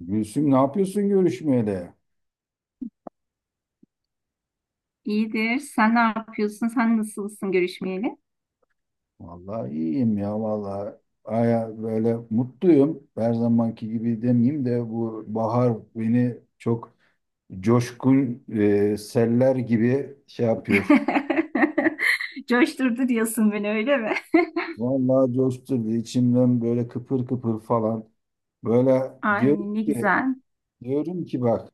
Gülsüm, ne yapıyorsun görüşmeyeli? İyidir. Sen ne yapıyorsun? Sen nasılsın görüşmeyeli? Vallahi iyiyim ya vallahi. Aya böyle mutluyum. Her zamanki gibi demeyeyim de bu bahar beni çok coşkun seller gibi şey yapıyor. Coşturdu diyorsun beni öyle mi? Vallahi coşturdu içimden böyle kıpır kıpır falan. Böyle Ay diyorum ne ki güzel. diyorum ki bak,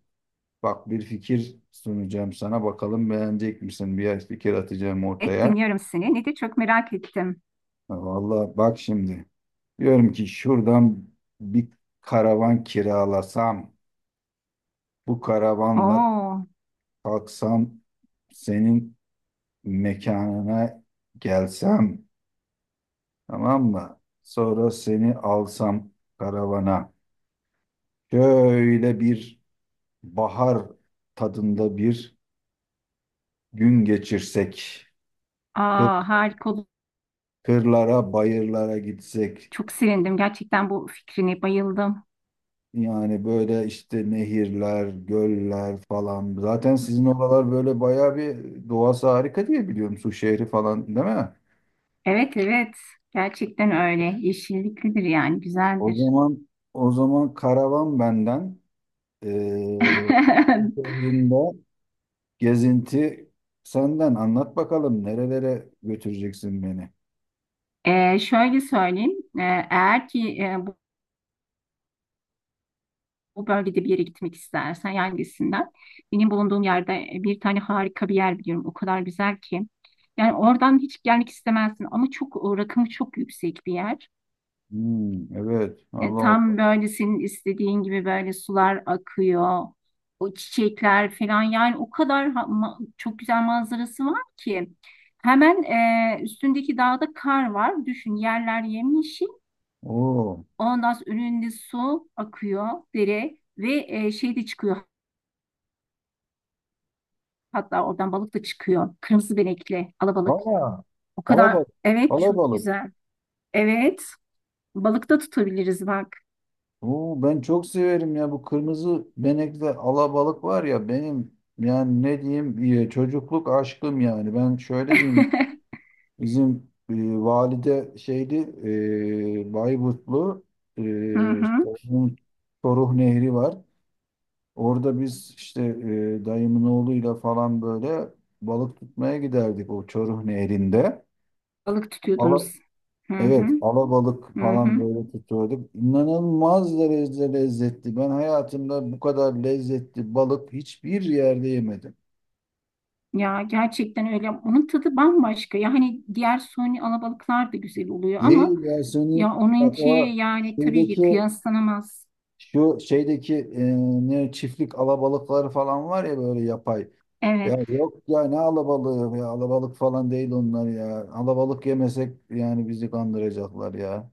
bir fikir sunacağım sana, bakalım beğenecek misin? Bir fikir atacağım Evet ortaya. dinliyorum seni. Ne de çok merak ettim. Ha, vallahi bak şimdi. Diyorum ki şuradan bir karavan kiralasam, bu karavanla Oo, kalksam senin mekanına gelsem, tamam mı? Sonra seni alsam karavana. Şöyle bir bahar tadında bir gün geçirsek. Kır- aa, harika oldu. Kırlara, bayırlara gitsek. Çok sevindim. Gerçekten bu fikrine bayıldım. Yani böyle işte nehirler, göller falan. Zaten sizin oralar böyle bayağı bir doğası harika diye biliyorum. Su şehri falan değil mi? Evet, evet. Gerçekten öyle. Yeşilliklidir yani. O Güzeldir. zaman, karavan benden, eee su şehrinde gezinti senden, anlat bakalım nerelere götüreceksin beni. Şöyle söyleyeyim. Ee, Eğer ki bu bölgede bir yere gitmek istersen, yani hangisinden? Benim bulunduğum yerde bir tane harika bir yer biliyorum. O kadar güzel ki. Yani oradan hiç gelmek istemezsin, ama çok rakımı çok yüksek bir yer. Hmm, evet, Allah Allah. Tam böyle senin istediğin gibi böyle sular akıyor. O çiçekler falan, yani o kadar çok güzel manzarası var ki. Hemen üstündeki dağda kar var. Düşün, yerler yemyeşil. Oo. Ondan sonra önünde su akıyor, dere ve şey de çıkıyor. Hatta oradan balık da çıkıyor. Kırmızı benekli, alabalık. Aa, O kadar, alabalık. evet, çok Alabalık. güzel. Evet. Balık da tutabiliriz bak. Oo, ben çok severim ya bu kırmızı benekli alabalık var ya, benim yani ne diyeyim, çocukluk aşkım. Yani ben şöyle diyeyim, bizim valide şeydi, Bayburtlu, Hı işte hı. onun Çoruh Nehri var orada. Biz işte dayımın oğluyla falan böyle balık tutmaya giderdik o Çoruh Nehri'nde. Balık tutuyordunuz. Hı hı. Evet, alabalık Hı falan hı. böyle tutuyorduk. İnanılmaz derecede lezzetli. Ben hayatımda bu kadar lezzetli balık hiçbir yerde yemedim. Ya, gerçekten öyle. Onun tadı bambaşka. Ya hani diğer suni alabalıklar da güzel oluyor ama Değil ya, seni ya bak, onunki, o yani tabii ki şeydeki, kıyaslanamaz. şu şeydeki, ne çiftlik alabalıkları falan var ya böyle, yapay. Ya Evet. yok ya, ne alabalığı ya, alabalık falan değil onlar ya. Alabalık yemesek yani bizi kandıracaklar ya.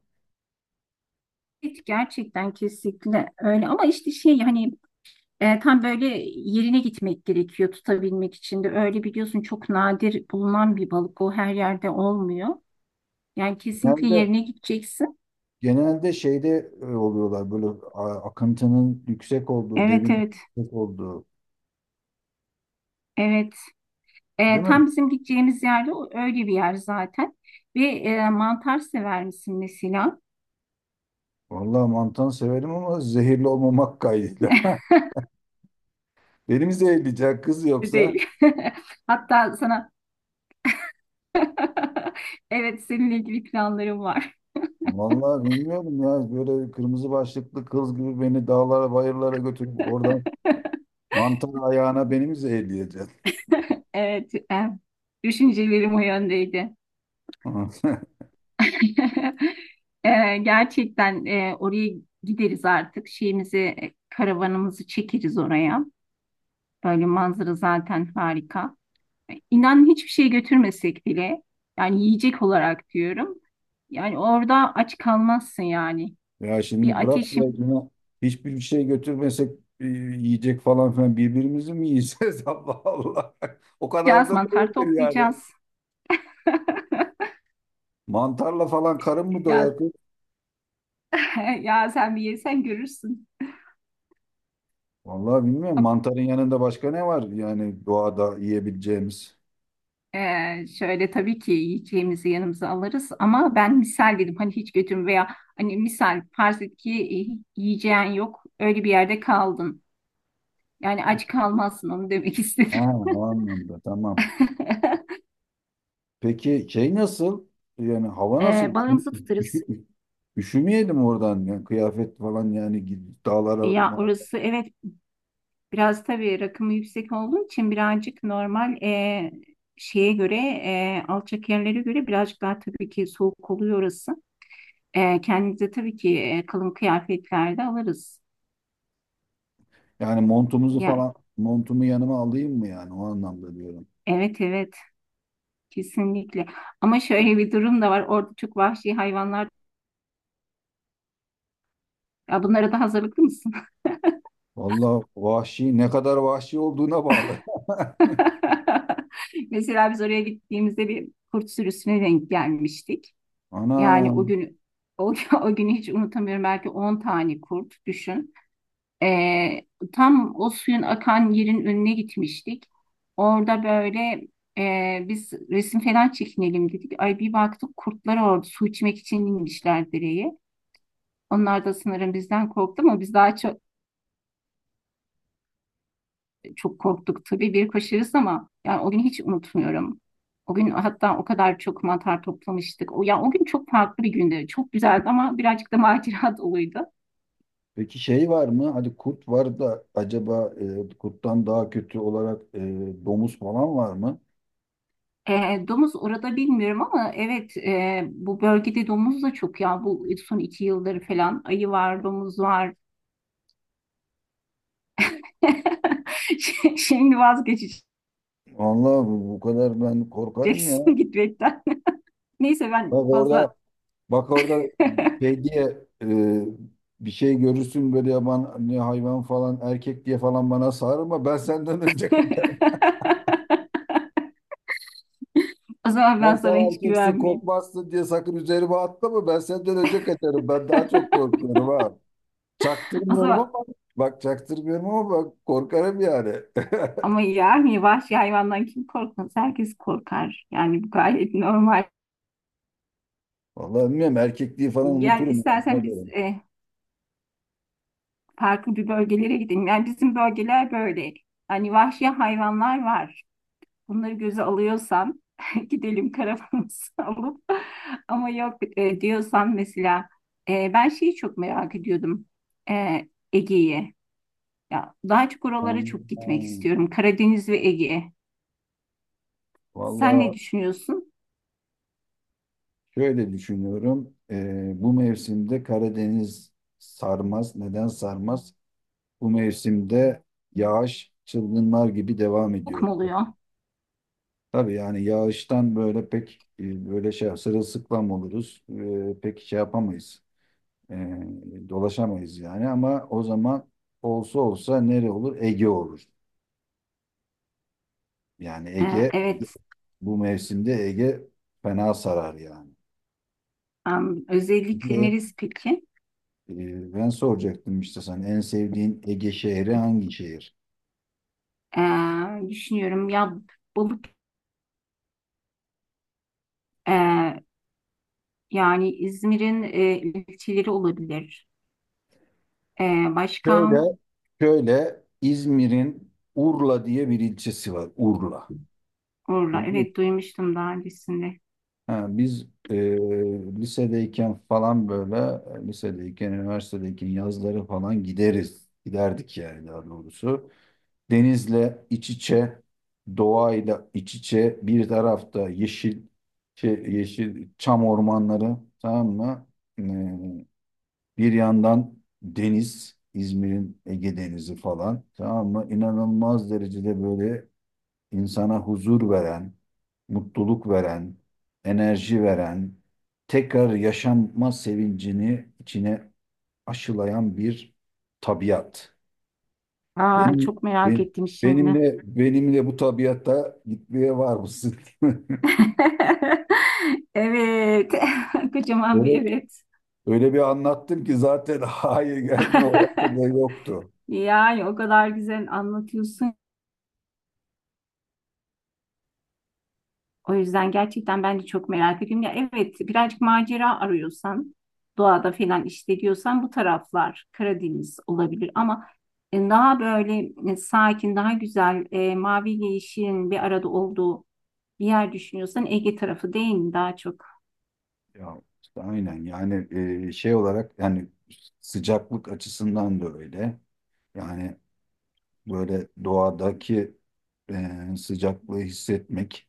Evet, gerçekten kesinlikle öyle, ama işte şey hani tam böyle yerine gitmek gerekiyor tutabilmek için de. Öyle biliyorsun, çok nadir bulunan bir balık. O her yerde olmuyor. Yani kesinlikle Hem de yerine gideceksin. genelde şeyde oluyorlar böyle akıntının yüksek olduğu, Evet, debinin evet, yüksek olduğu, evet. Değil Tam mi? bizim gideceğimiz yerde öyle bir yer zaten. Ve mantar sever misin mesela? Vallahi mantan severim ama zehirli olmamak kaydıyla. Benim zehirleyecek kız yoksa. Değil. Hatta sana evet, seninle ilgili planlarım var. Vallahi bilmiyorum ya, böyle kırmızı başlıklı kız gibi beni dağlara bayırlara götürüp oradan mantar ayağına beni mi zehirleyeceksin? Evet, düşüncelerim o yöndeydi. Gerçekten oraya gideriz artık. Şeyimizi, karavanımızı çekeriz oraya. Böyle manzara zaten harika. İnan hiçbir şey götürmesek bile, yani yiyecek olarak diyorum. Yani orada aç kalmazsın yani. Ya şimdi Bir bırak ya, ateşim, yine hiçbir şey götürmesek yiyecek falan filan, birbirimizi mi yiyeceğiz? Allah Allah. O kadar biraz da mantar değildir yani. toplayacağız. Mantarla falan karın mı Ya, doyar kız? ya sen bir yesen görürsün. Vallahi bilmiyorum. Mantarın yanında başka ne var yani doğada yiyebileceğimiz? Şöyle tabii ki yiyeceğimizi yanımıza alırız, ama ben misal dedim, hani hiç götürme veya hani misal farz et ki yiyeceğin yok, öyle bir yerde kaldın. Yani aç kalmazsın, onu demek Ha, istedim. o anlamda tamam. Peki şey nasıl? Yani hava nasıl? Üşü, Balığımızı tutarız. üşü- Üşümeyelim oradan. Yani kıyafet falan, yani dağlara Ya orası, evet, biraz tabii rakımı yüksek olduğu için birazcık normal şeye göre, alçak yerlere göre birazcık daha tabii ki soğuk oluyor orası. Kendimize tabii ki kalın kıyafetlerde alırız. yani, montumuzu Yani falan, montumu yanıma alayım mı, yani o anlamda diyorum. evet, evet. Kesinlikle. Ama şöyle bir durum da var. Orada çok vahşi hayvanlar. Ya bunlara da hazırlıklı mısın? Vallahi vahşi, ne kadar vahşi olduğuna bağlı. Mesela biz oraya gittiğimizde bir kurt sürüsüne denk gelmiştik. Ana, Yani o, o günü hiç unutamıyorum. Belki 10 tane kurt düşün. Ee, Tam o suyun akan yerin önüne gitmiştik. Orada böyle biz resim falan çekinelim dedik. Ay bir baktık, kurtlar orada su içmek için inmişler dereye. Onlar da sanırım bizden korktu, ama biz daha çok çok korktuk tabii, bir aşırısı, ama yani o günü hiç unutmuyorum. O gün hatta o kadar çok mantar toplamıştık. O, yani o gün çok farklı bir gündü. Çok güzeldi, ama birazcık da macera doluydu. peki şey var mı? Hadi kurt var da acaba kurttan daha kötü olarak domuz falan var mı? Domuz orada bilmiyorum, ama evet, bu bölgede domuz da çok, ya bu son iki yıldır falan ayı var, domuz var. Şimdi vazgeçeceksin Vallahi bu, bu kadar ben korkarım ya. gitmekten. Neyse ben Bak fazla. orada, bak orada şey diye, bir şey görürsün böyle, yaban ne hayvan falan, erkek diye falan bana sarılma. Ben senden önce kaçarım. O zaman Ben ben sana sen hiç erkeksin güvenmeyeyim. korkmazsın diye sakın üzerime atlama. Ben senden önce kaçarım. Ben daha çok korkuyorum ha. O Çaktırmıyorum zaman. ama, bak korkarım yani. Ama yani vahşi hayvandan kim korkmaz? Herkes korkar. Yani bu gayet normal. Vallahi bilmiyorum, erkekliği falan Gel unuturum. Yani, ona istersen göre. biz farklı bir bölgelere gidelim. Yani bizim bölgeler böyle. Hani vahşi hayvanlar var. Bunları göze alıyorsan gidelim karavanımızı alıp. Ama yok diyorsan, mesela ben şeyi çok merak ediyordum. E, Ege'yi. Ya daha çok Ha, oralara çok gitmek istiyorum. Karadeniz ve Ege. Sen ne vallahi düşünüyorsun? şöyle düşünüyorum. Bu mevsimde Karadeniz sarmaz. Neden sarmaz? Bu mevsimde yağış çılgınlar gibi devam Çok ediyor. mu oluyor? Tabii yani yağıştan böyle pek böyle şey, sırılsıklam oluruz. Pek şey yapamayız. Ee, dolaşamayız yani, ama o zaman olsa olsa nere olur? Ege olur. Yani Ege, Evet. bu mevsimde Ege fena sarar yani. Özellikle Ne? neresi peki? Ben soracaktım işte sana, en sevdiğin Ege şehri hangi şehir? Düşünüyorum ya, balık e, yani İzmir'in ilçeleri olabilir. E, Başka Şöyle, İzmir'in Urla diye bir ilçesi var. Urla. oralar. Duydun mu? Evet, duymuştum daha öncesinde. Ha, biz lisedeyken falan böyle, lisedeyken, üniversitedeyken yazları falan gideriz. Giderdik yani, daha doğrusu. Denizle iç içe, doğayla iç içe, bir tarafta yeşil şey, yeşil çam ormanları, tamam mı? Ee, bir yandan deniz, İzmir'in Ege Denizi falan, tamam mı? İnanılmaz derecede böyle insana huzur veren, mutluluk veren, enerji veren, tekrar yaşanma sevincini içine aşılayan bir tabiat. Aa, Benim, çok merak ettim şimdi. benimle, bu tabiatta gitmeye var mısın? Evet. Kocaman Öyle, bir evet. öyle bir anlattım ki zaten hayır gelme olasılığı da yoktu. Yani o kadar güzel anlatıyorsun. O yüzden gerçekten ben de çok merak ediyorum. Ya evet, birazcık macera arıyorsan, doğada falan işte diyorsan, bu taraflar Karadeniz olabilir, ama daha böyle sakin, daha güzel, maviyle yeşilin bir arada olduğu bir yer düşünüyorsan, Ege tarafı değil mi daha çok? Ya işte aynen yani, şey olarak yani sıcaklık açısından da öyle. Yani böyle doğadaki sıcaklığı hissetmek,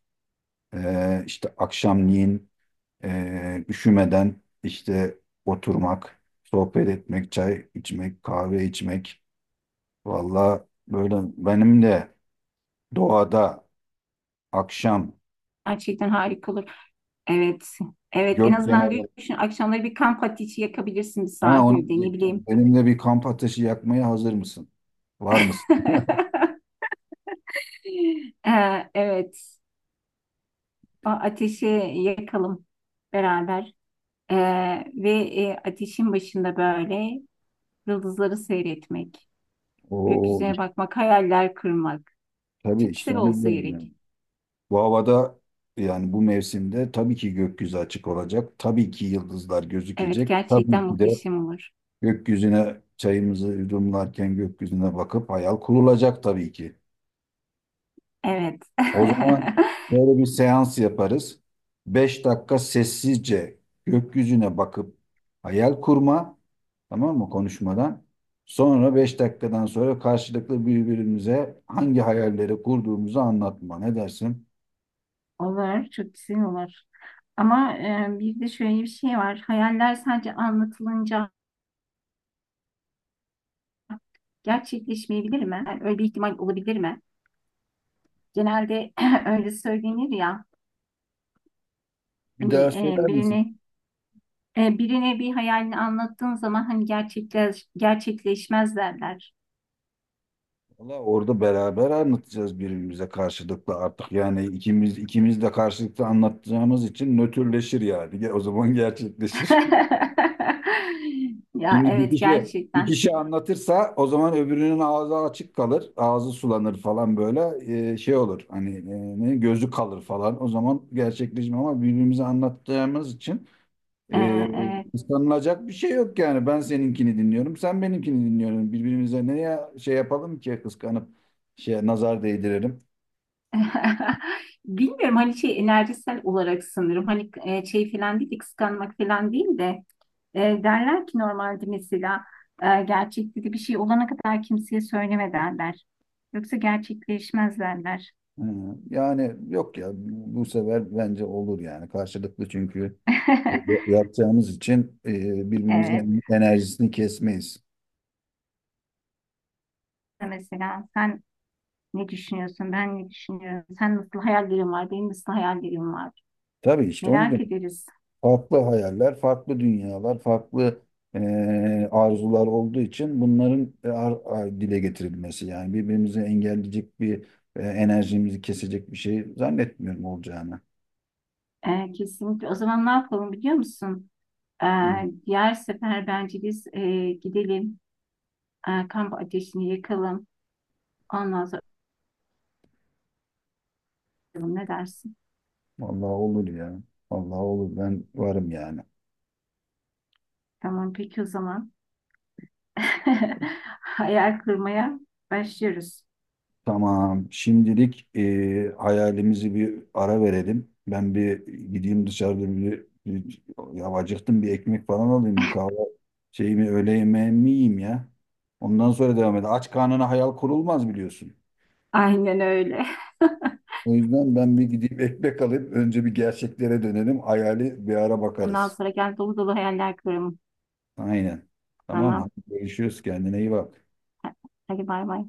işte akşamleyin üşümeden, işte oturmak, sohbet etmek, çay içmek, kahve içmek. Vallahi böyle benim de doğada akşam Gerçekten harika olur. Evet. Evet, en gök azından kenarı. düşün, akşamları bir kamp ateşi yakabilirsin bir Ha, onu sahilde, ne diyecektim. bileyim. Benim de bir kamp ateşi yakmaya hazır mısın? Var mısın? Evet. O ateşi yakalım beraber. Ve ateşin başında böyle yıldızları seyretmek, Oo, gökyüzüne işte, bakmak, hayaller kurmak. tabii, Çok işte güzel onu olsa diyorum yani. gerek. Bu havada yani bu mevsimde tabii ki gökyüzü açık olacak. Tabii ki yıldızlar Evet, gözükecek. Tabii gerçekten ki de muhteşem olur. gökyüzüne çayımızı yudumlarken gökyüzüne bakıp hayal kurulacak tabii ki. Evet. O zaman böyle bir seans yaparız. 5 dakika sessizce gökyüzüne bakıp hayal kurma, tamam mı, konuşmadan. Sonra 5 dakikadan sonra karşılıklı birbirimize hangi hayalleri kurduğumuzu anlatma. Ne dersin? Olur, çok güzel olur. Ama bir de şöyle bir şey var. Hayaller sadece anlatılınca gerçekleşmeyebilir mi? Yani öyle bir ihtimal olabilir mi? Genelde öyle söylenir ya. Bir Hani daha e, söyler misin? birini birine bir hayalini anlattığın zaman, hani gerçekleşmez derler. Valla orada beraber anlatacağız birbirimize, karşılıklı artık. Yani ikimiz de karşılıklı anlatacağımız için nötrleşir yani. O zaman gerçekleşir. Ya, Şimdi bir evet, kişi bir gerçekten. kişi anlatırsa, o zaman öbürünün ağzı açık kalır, ağzı sulanır falan, böyle şey olur. Hani gözü kalır falan. O zaman gerçekleşme, ama birbirimize anlattığımız için Ee, e, E, kıskanılacak bir şey yok yani. Ben seninkini dinliyorum, sen benimkini dinliyorsun. Birbirimize neye şey yapalım ki kıskanıp şey, nazar değdirelim. evet. Bilmiyorum, hani şey enerjisel olarak sanırım. Hani şey falan değil de, kıskanmak falan değil de, derler ki normalde mesela gerçekte de bir şey olana kadar kimseye söyleme derler. Yoksa gerçekleşmez derler. Hı, yani yok ya, bu sefer bence olur yani, karşılıklı çünkü yapacağımız için Evet. birbirimizin enerjisini kesmeyiz. Mesela sen, ne düşünüyorsun? Ben ne düşünüyorum? Sen nasıl hayal gücün var? Benim nasıl hayal gücüm var? Tabii işte onu Merak diyorum. ederiz. Farklı hayaller, farklı dünyalar, farklı e, arzular olduğu için bunların dile getirilmesi, yani birbirimizi engelleyecek bir enerjimizi kesecek bir şey zannetmiyorum olacağını. Kesinlikle. O zaman ne yapalım, biliyor musun? Ee, Hı. Diğer sefer bence biz gidelim. Kamp ateşini yakalım. Ondan sonra bakalım, ne dersin? Vallahi olur ya. Vallahi olur. Ben varım yani. Tamam, peki o zaman. Hayal kurmaya başlıyoruz. Tamam. Şimdilik hayalimizi bir ara verelim. Ben bir gideyim dışarıda bir, ya acıktım, bir ekmek falan alayım, bir kahve, şeyimi, öğle yemeğimi yiyeyim ya. Ondan sonra devam edelim. Aç karnına hayal kurulmaz biliyorsun. Aynen öyle. O yüzden ben bir gideyim ekmek alayım. Önce bir gerçeklere dönelim. Hayali bir ara Ondan bakarız. sonra gel, dolu dolu hayaller kuralım. Aynen. Tamam, hadi Tamam. görüşürüz. Kendine iyi bak. Hadi bay bay.